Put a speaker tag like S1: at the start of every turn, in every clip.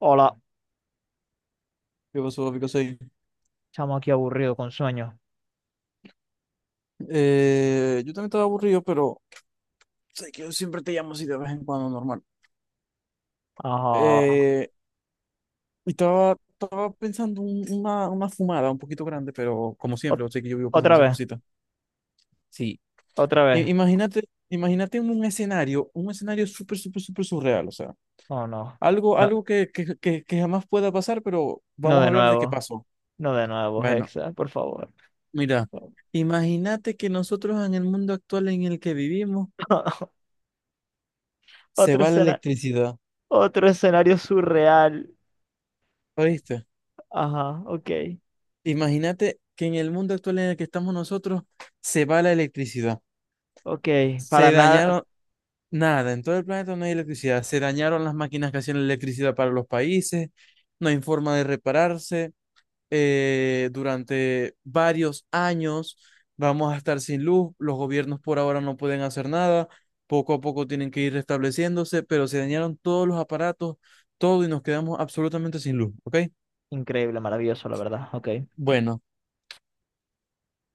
S1: Hola,
S2: ¿Qué pasó, Pico? Sí.
S1: chamo aquí aburrido con sueño.
S2: Yo también estaba aburrido, pero sé que yo siempre te llamo así de vez en cuando, normal.
S1: Ajá.
S2: Eh, y estaba pensando una fumada un poquito grande, pero como
S1: Ot-
S2: siempre, sé que yo vivo pensando
S1: otra
S2: esas
S1: vez,
S2: cositas. Sí,
S1: otra vez.
S2: imagínate, imagínate un escenario súper, súper, súper surreal, o sea,
S1: Oh, no. No,
S2: algo que jamás pueda pasar, pero
S1: no
S2: vamos a
S1: de
S2: hablar de qué
S1: nuevo.
S2: pasó.
S1: No de nuevo,
S2: Bueno,
S1: Hexa, por favor.
S2: mira, imagínate que nosotros en el mundo actual en el que vivimos se
S1: Otro
S2: va la
S1: escena,
S2: electricidad,
S1: otro escenario surreal.
S2: ¿oíste?
S1: Ajá, ok.
S2: Imagínate que en el mundo actual en el que estamos nosotros se va la electricidad.
S1: Ok. Para
S2: Se
S1: nada.
S2: dañaron nada, en todo el planeta no hay electricidad. Se dañaron las máquinas que hacían la electricidad para los países, no hay forma de repararse. Durante varios años vamos a estar sin luz, los gobiernos por ahora no pueden hacer nada, poco a poco tienen que ir restableciéndose, pero se dañaron todos los aparatos, todo y nos quedamos absolutamente sin luz, ¿ok?
S1: Increíble, maravilloso, la verdad. Ok.
S2: Bueno,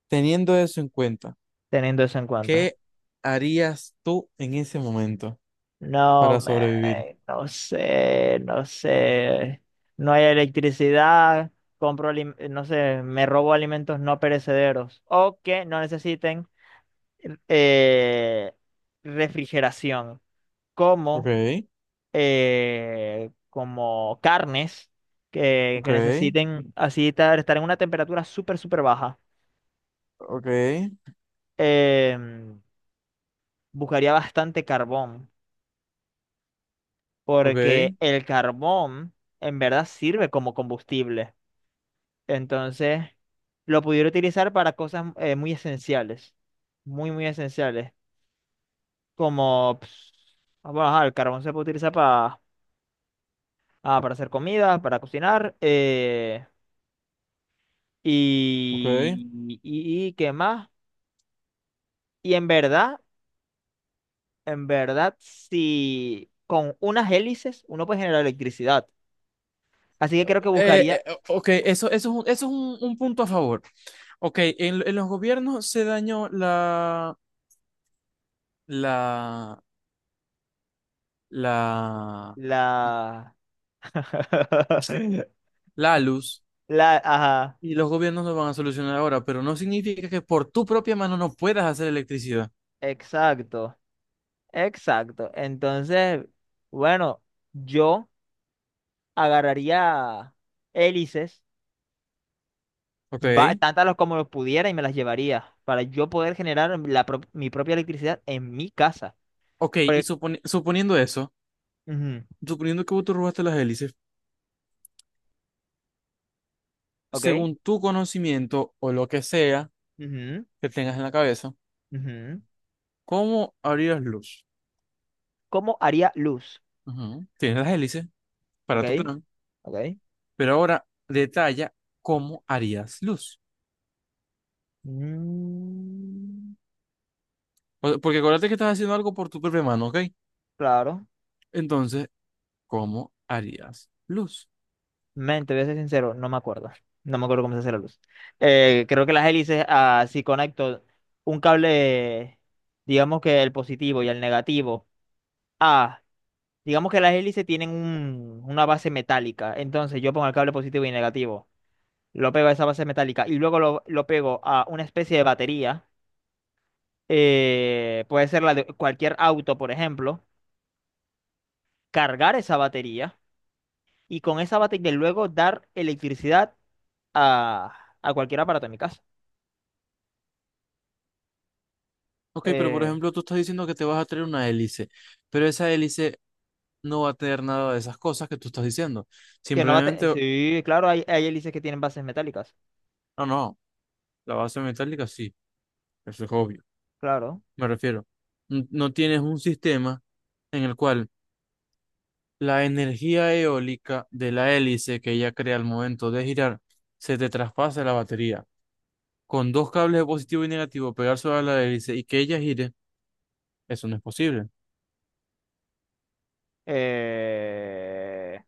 S2: teniendo eso en cuenta.
S1: Teniendo eso en cuenta.
S2: ¿Qué harías tú en ese momento
S1: No,
S2: para sobrevivir?
S1: me no sé, no sé. No hay electricidad, compro, no sé, me robo alimentos no perecederos o que no necesiten eh, refrigeración, como,
S2: Ok,
S1: como carnes que,
S2: ok,
S1: que necesiten así estar en una temperatura súper, súper baja.
S2: ok,
S1: Em, buscaría bastante carbón, porque
S2: ok,
S1: el carbón en verdad sirve como combustible. Entonces, lo pudiera utilizar para cosas muy esenciales, muy, muy esenciales, como, pues, ah, bueno, ajá, el carbón se puede utilizar para, ah, para hacer comida, para cocinar,
S2: ok.
S1: y qué más. Y en verdad, si con unas hélices uno puede generar electricidad. Así que creo que buscaría
S2: Eh, ok, un punto a favor. Ok, en los gobiernos se dañó la, la,
S1: la...
S2: la luz
S1: Ajá,
S2: y los gobiernos lo van a solucionar ahora, pero no significa que por tu propia mano no puedas hacer electricidad.
S1: exacto. Exacto. Entonces, bueno, yo agarraría hélices,
S2: Ok,
S1: tantas los como los pudiera y me las llevaría para yo poder generar mi propia electricidad en mi casa.
S2: ok, y
S1: Porque-
S2: suponiendo eso,
S1: ujú,
S2: suponiendo que vos te robaste las hélices.
S1: ¿ok?
S2: Según tu conocimiento o lo que sea
S1: ujú,
S2: que tengas en la cabeza,
S1: ujú.
S2: ¿cómo harías luz?
S1: ¿Cómo haría luz?
S2: Ujú. Tienes las hélices
S1: ¿Ok?
S2: para tu plan,
S1: ¿Ok?
S2: pero ahora detalla cómo harías luz.
S1: Mm,
S2: Porque acuérdate que estás haciendo algo por tu propia mano, ¿ok?
S1: claro.
S2: Entonces, ¿cómo harías luz?
S1: Men, te voy a ser sincero, no me acuerdo. No me acuerdo cómo se hace la luz. Creo que las hélices, ah, si conecto un cable, digamos que el positivo y el negativo, ah, digamos que las hélices tienen una base metálica. Entonces yo pongo el cable positivo y negativo, lo pego a esa base metálica y luego lo pego a una especie de batería. Puede ser la de cualquier auto, por ejemplo. Cargar esa batería y con esa batería luego dar electricidad a cualquier aparato en mi casa.
S2: Ok, pero por
S1: Eh,
S2: ejemplo, tú estás diciendo que te vas a traer una hélice, pero esa hélice no va a tener nada de esas cosas que tú estás diciendo.
S1: que no va a tener.
S2: Simplemente,
S1: Sí, claro, hay hélices que tienen bases metálicas.
S2: no, no, la base metálica sí, eso es obvio.
S1: Claro.
S2: Me refiero. No tienes un sistema en el cual la energía eólica de la hélice que ella crea al momento de girar se te traspasa a la batería. Con dos cables de positivo y negativo pegar sobre la hélice y que ella gire, eso no es posible.
S1: Eh,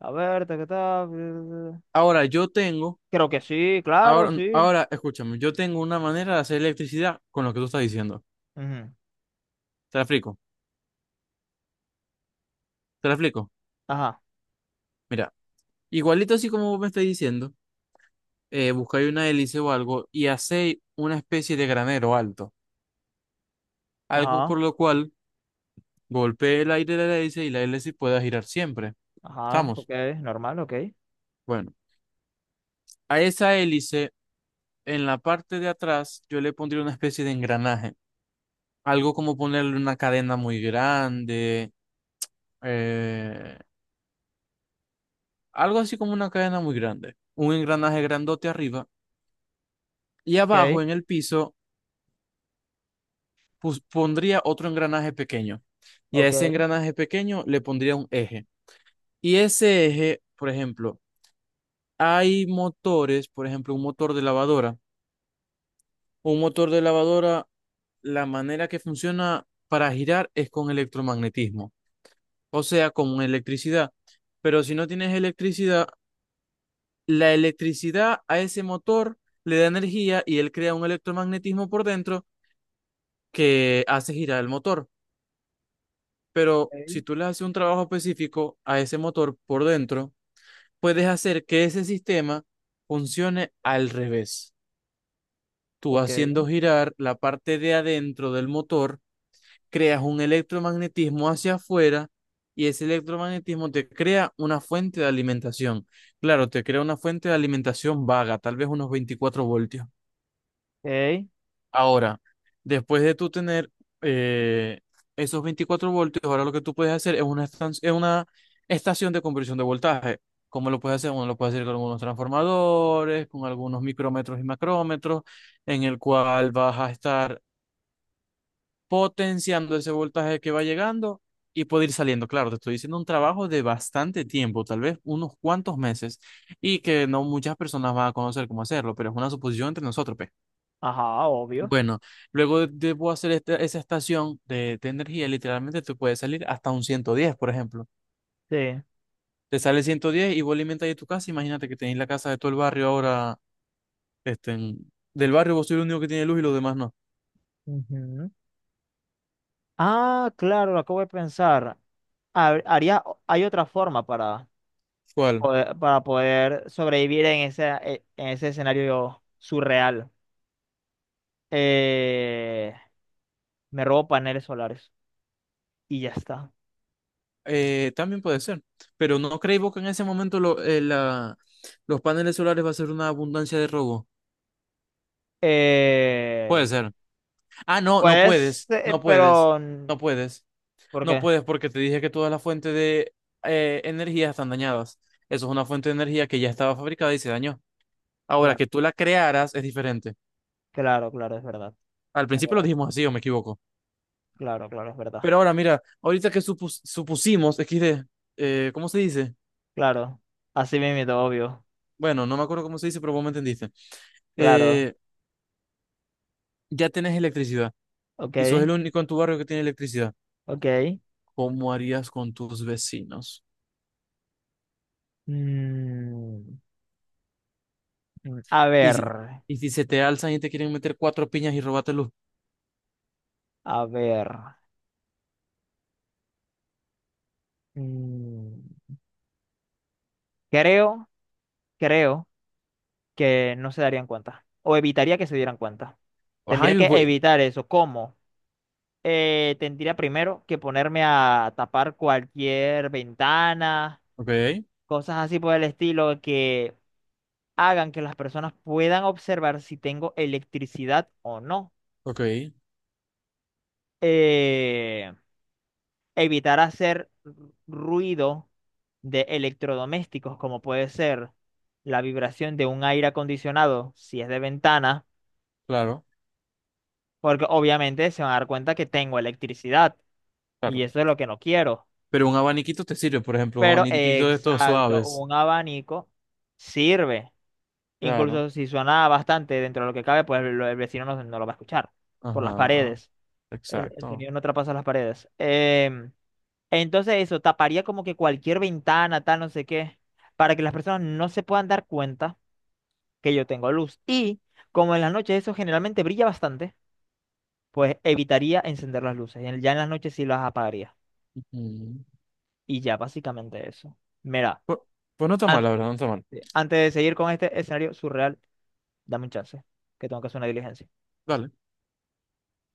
S1: a ver, ta, ta, ta.
S2: Ahora yo tengo,
S1: Creo que sí, claro,
S2: ahora,
S1: sí.
S2: ahora escúchame, yo tengo una manera de hacer electricidad con lo que tú estás diciendo.
S1: Ujú.
S2: Te la explico, te la explico.
S1: Ajá,
S2: Mira, igualito así como vos me estás diciendo, buscáis una hélice o algo y hacéis una especie de granero alto, algo
S1: ajá,
S2: por lo cual golpee el aire de la hélice y la hélice pueda girar siempre.
S1: ajá. Ok,
S2: ¿Estamos?
S1: normal, ok.
S2: Bueno, a esa hélice, en la parte de atrás, yo le pondría una especie de engranaje. Algo como ponerle una cadena muy grande. eh, Algo así como una cadena muy grande. Un engranaje grandote arriba. Y
S1: Ok,
S2: abajo, en el piso, pondría otro engranaje pequeño. Y a ese
S1: ok,
S2: engranaje pequeño le pondría un eje. Y ese eje, por ejemplo, hay motores, por ejemplo, un motor de lavadora, la manera que funciona para girar es con electromagnetismo, o sea, con electricidad. Pero si no tienes electricidad, la electricidad a ese motor le da energía y él crea un electromagnetismo por dentro que hace girar el motor. Pero
S1: ok,
S2: si tú le haces un trabajo específico a ese motor por dentro, puedes hacer que ese sistema funcione al revés. Tú
S1: ok.
S2: haciendo girar la parte de adentro del motor creas un electromagnetismo hacia afuera y ese electromagnetismo te crea una fuente de alimentación. Claro, te crea una fuente de alimentación vaga, tal vez unos 24 voltios.
S1: Ok.
S2: Ahora, después de tú tener eh, esos 24 voltios, ahora lo que tú puedes hacer es una estación de conversión de voltaje. ¿Cómo lo puedes hacer? Uno lo puede hacer con algunos transformadores, con algunos micrómetros y macrómetros, en el cual vas a estar potenciando ese voltaje que va llegando y puede ir saliendo. Claro, te estoy diciendo un trabajo de bastante tiempo, tal vez unos cuantos meses, y que no muchas personas van a conocer cómo hacerlo, pero es una suposición entre nosotros, pues.
S1: Ajá, obvio.
S2: Bueno, luego debo hacer esa estación de energía, literalmente te puede salir hasta un 110, por ejemplo.
S1: Sí.
S2: Te sale 110 y vos alimentas de tu casa, imagínate que tenéis la casa de todo el barrio ahora, este, del barrio vos sois el único que tiene luz y los demás no.
S1: Ujú. Ah, claro, lo acabo de pensar. Haría, hay otra forma
S2: ¿Cuál?
S1: para poder sobrevivir en ese escenario surreal. eh, me robo paneles solares y ya está.
S2: También puede ser, pero ¿no creéis vos que en ese momento los paneles solares va a ser una abundancia de robo?
S1: Eh,
S2: Puede ser. Ah, no, no
S1: pues,
S2: puedes, no puedes,
S1: pero, mm,
S2: no puedes,
S1: ¿por
S2: no
S1: qué?
S2: puedes porque te dije que todas las fuentes de energía están dañadas. Eso es una fuente de energía que ya estaba fabricada y se dañó. Ahora,
S1: Claro,
S2: que tú la crearas es diferente.
S1: claro, claro,
S2: Al
S1: es
S2: principio lo
S1: verdad,
S2: dijimos así, o me equivoco.
S1: claro, claro, es verdad,
S2: Pero ahora, mira, ahorita que supusimos, XD, ¿cómo se dice?
S1: claro, así mismo, obvio,
S2: Bueno, no me acuerdo cómo se dice, pero vos me entendiste.
S1: claro,
S2: Eh, ya tenés electricidad. Y sos
S1: ok,
S2: el único en tu barrio que tiene electricidad,
S1: ok.
S2: ¿cómo harías con tus vecinos?
S1: Mm, mm,
S2: Y si, y si se te alzan y te quieren meter cuatro piñas y robarte luz.
S1: a ver, mm, creo, creo que no se darían cuenta, o evitaría que se dieran cuenta.
S2: Ajá,
S1: Tendría
S2: y
S1: que
S2: voy.
S1: evitar eso, ¿cómo? Tendría primero que ponerme a tapar cualquier ventana,
S2: Ok,
S1: cosas así por el estilo que hagan que las personas puedan observar si tengo electricidad o no.
S2: ok,
S1: Eh, evitar hacer ruido de electrodomésticos, como puede ser la vibración de un aire acondicionado, si es de ventana,
S2: claro,
S1: porque obviamente se van a dar cuenta que tengo electricidad y
S2: claro.
S1: eso es lo que no quiero.
S2: Pero un abaniquito te sirve, por ejemplo, un
S1: Pero
S2: abaniquito de estos
S1: exacto,
S2: suaves.
S1: un abanico sirve.
S2: Claro.
S1: Incluso si suena bastante dentro de lo que cabe, pues el vecino no, no lo va a escuchar por las
S2: Ajá,
S1: paredes. El
S2: exacto.
S1: sonido no traspasa las paredes. Entonces eso, taparía como que cualquier ventana, tal, no sé qué, para que las personas no se puedan dar cuenta que yo tengo luz. Y como en las noches eso generalmente brilla bastante, pues evitaría encender las luces. Ya en las noches sí las apagaría.
S2: Ujú.
S1: Y ya básicamente eso. Mira.
S2: Pues, pues no está mal, la verdad, no está mal.
S1: Sí. Antes de seguir con este escenario surreal, dame un chance, que tengo que hacer una diligencia.
S2: Dale.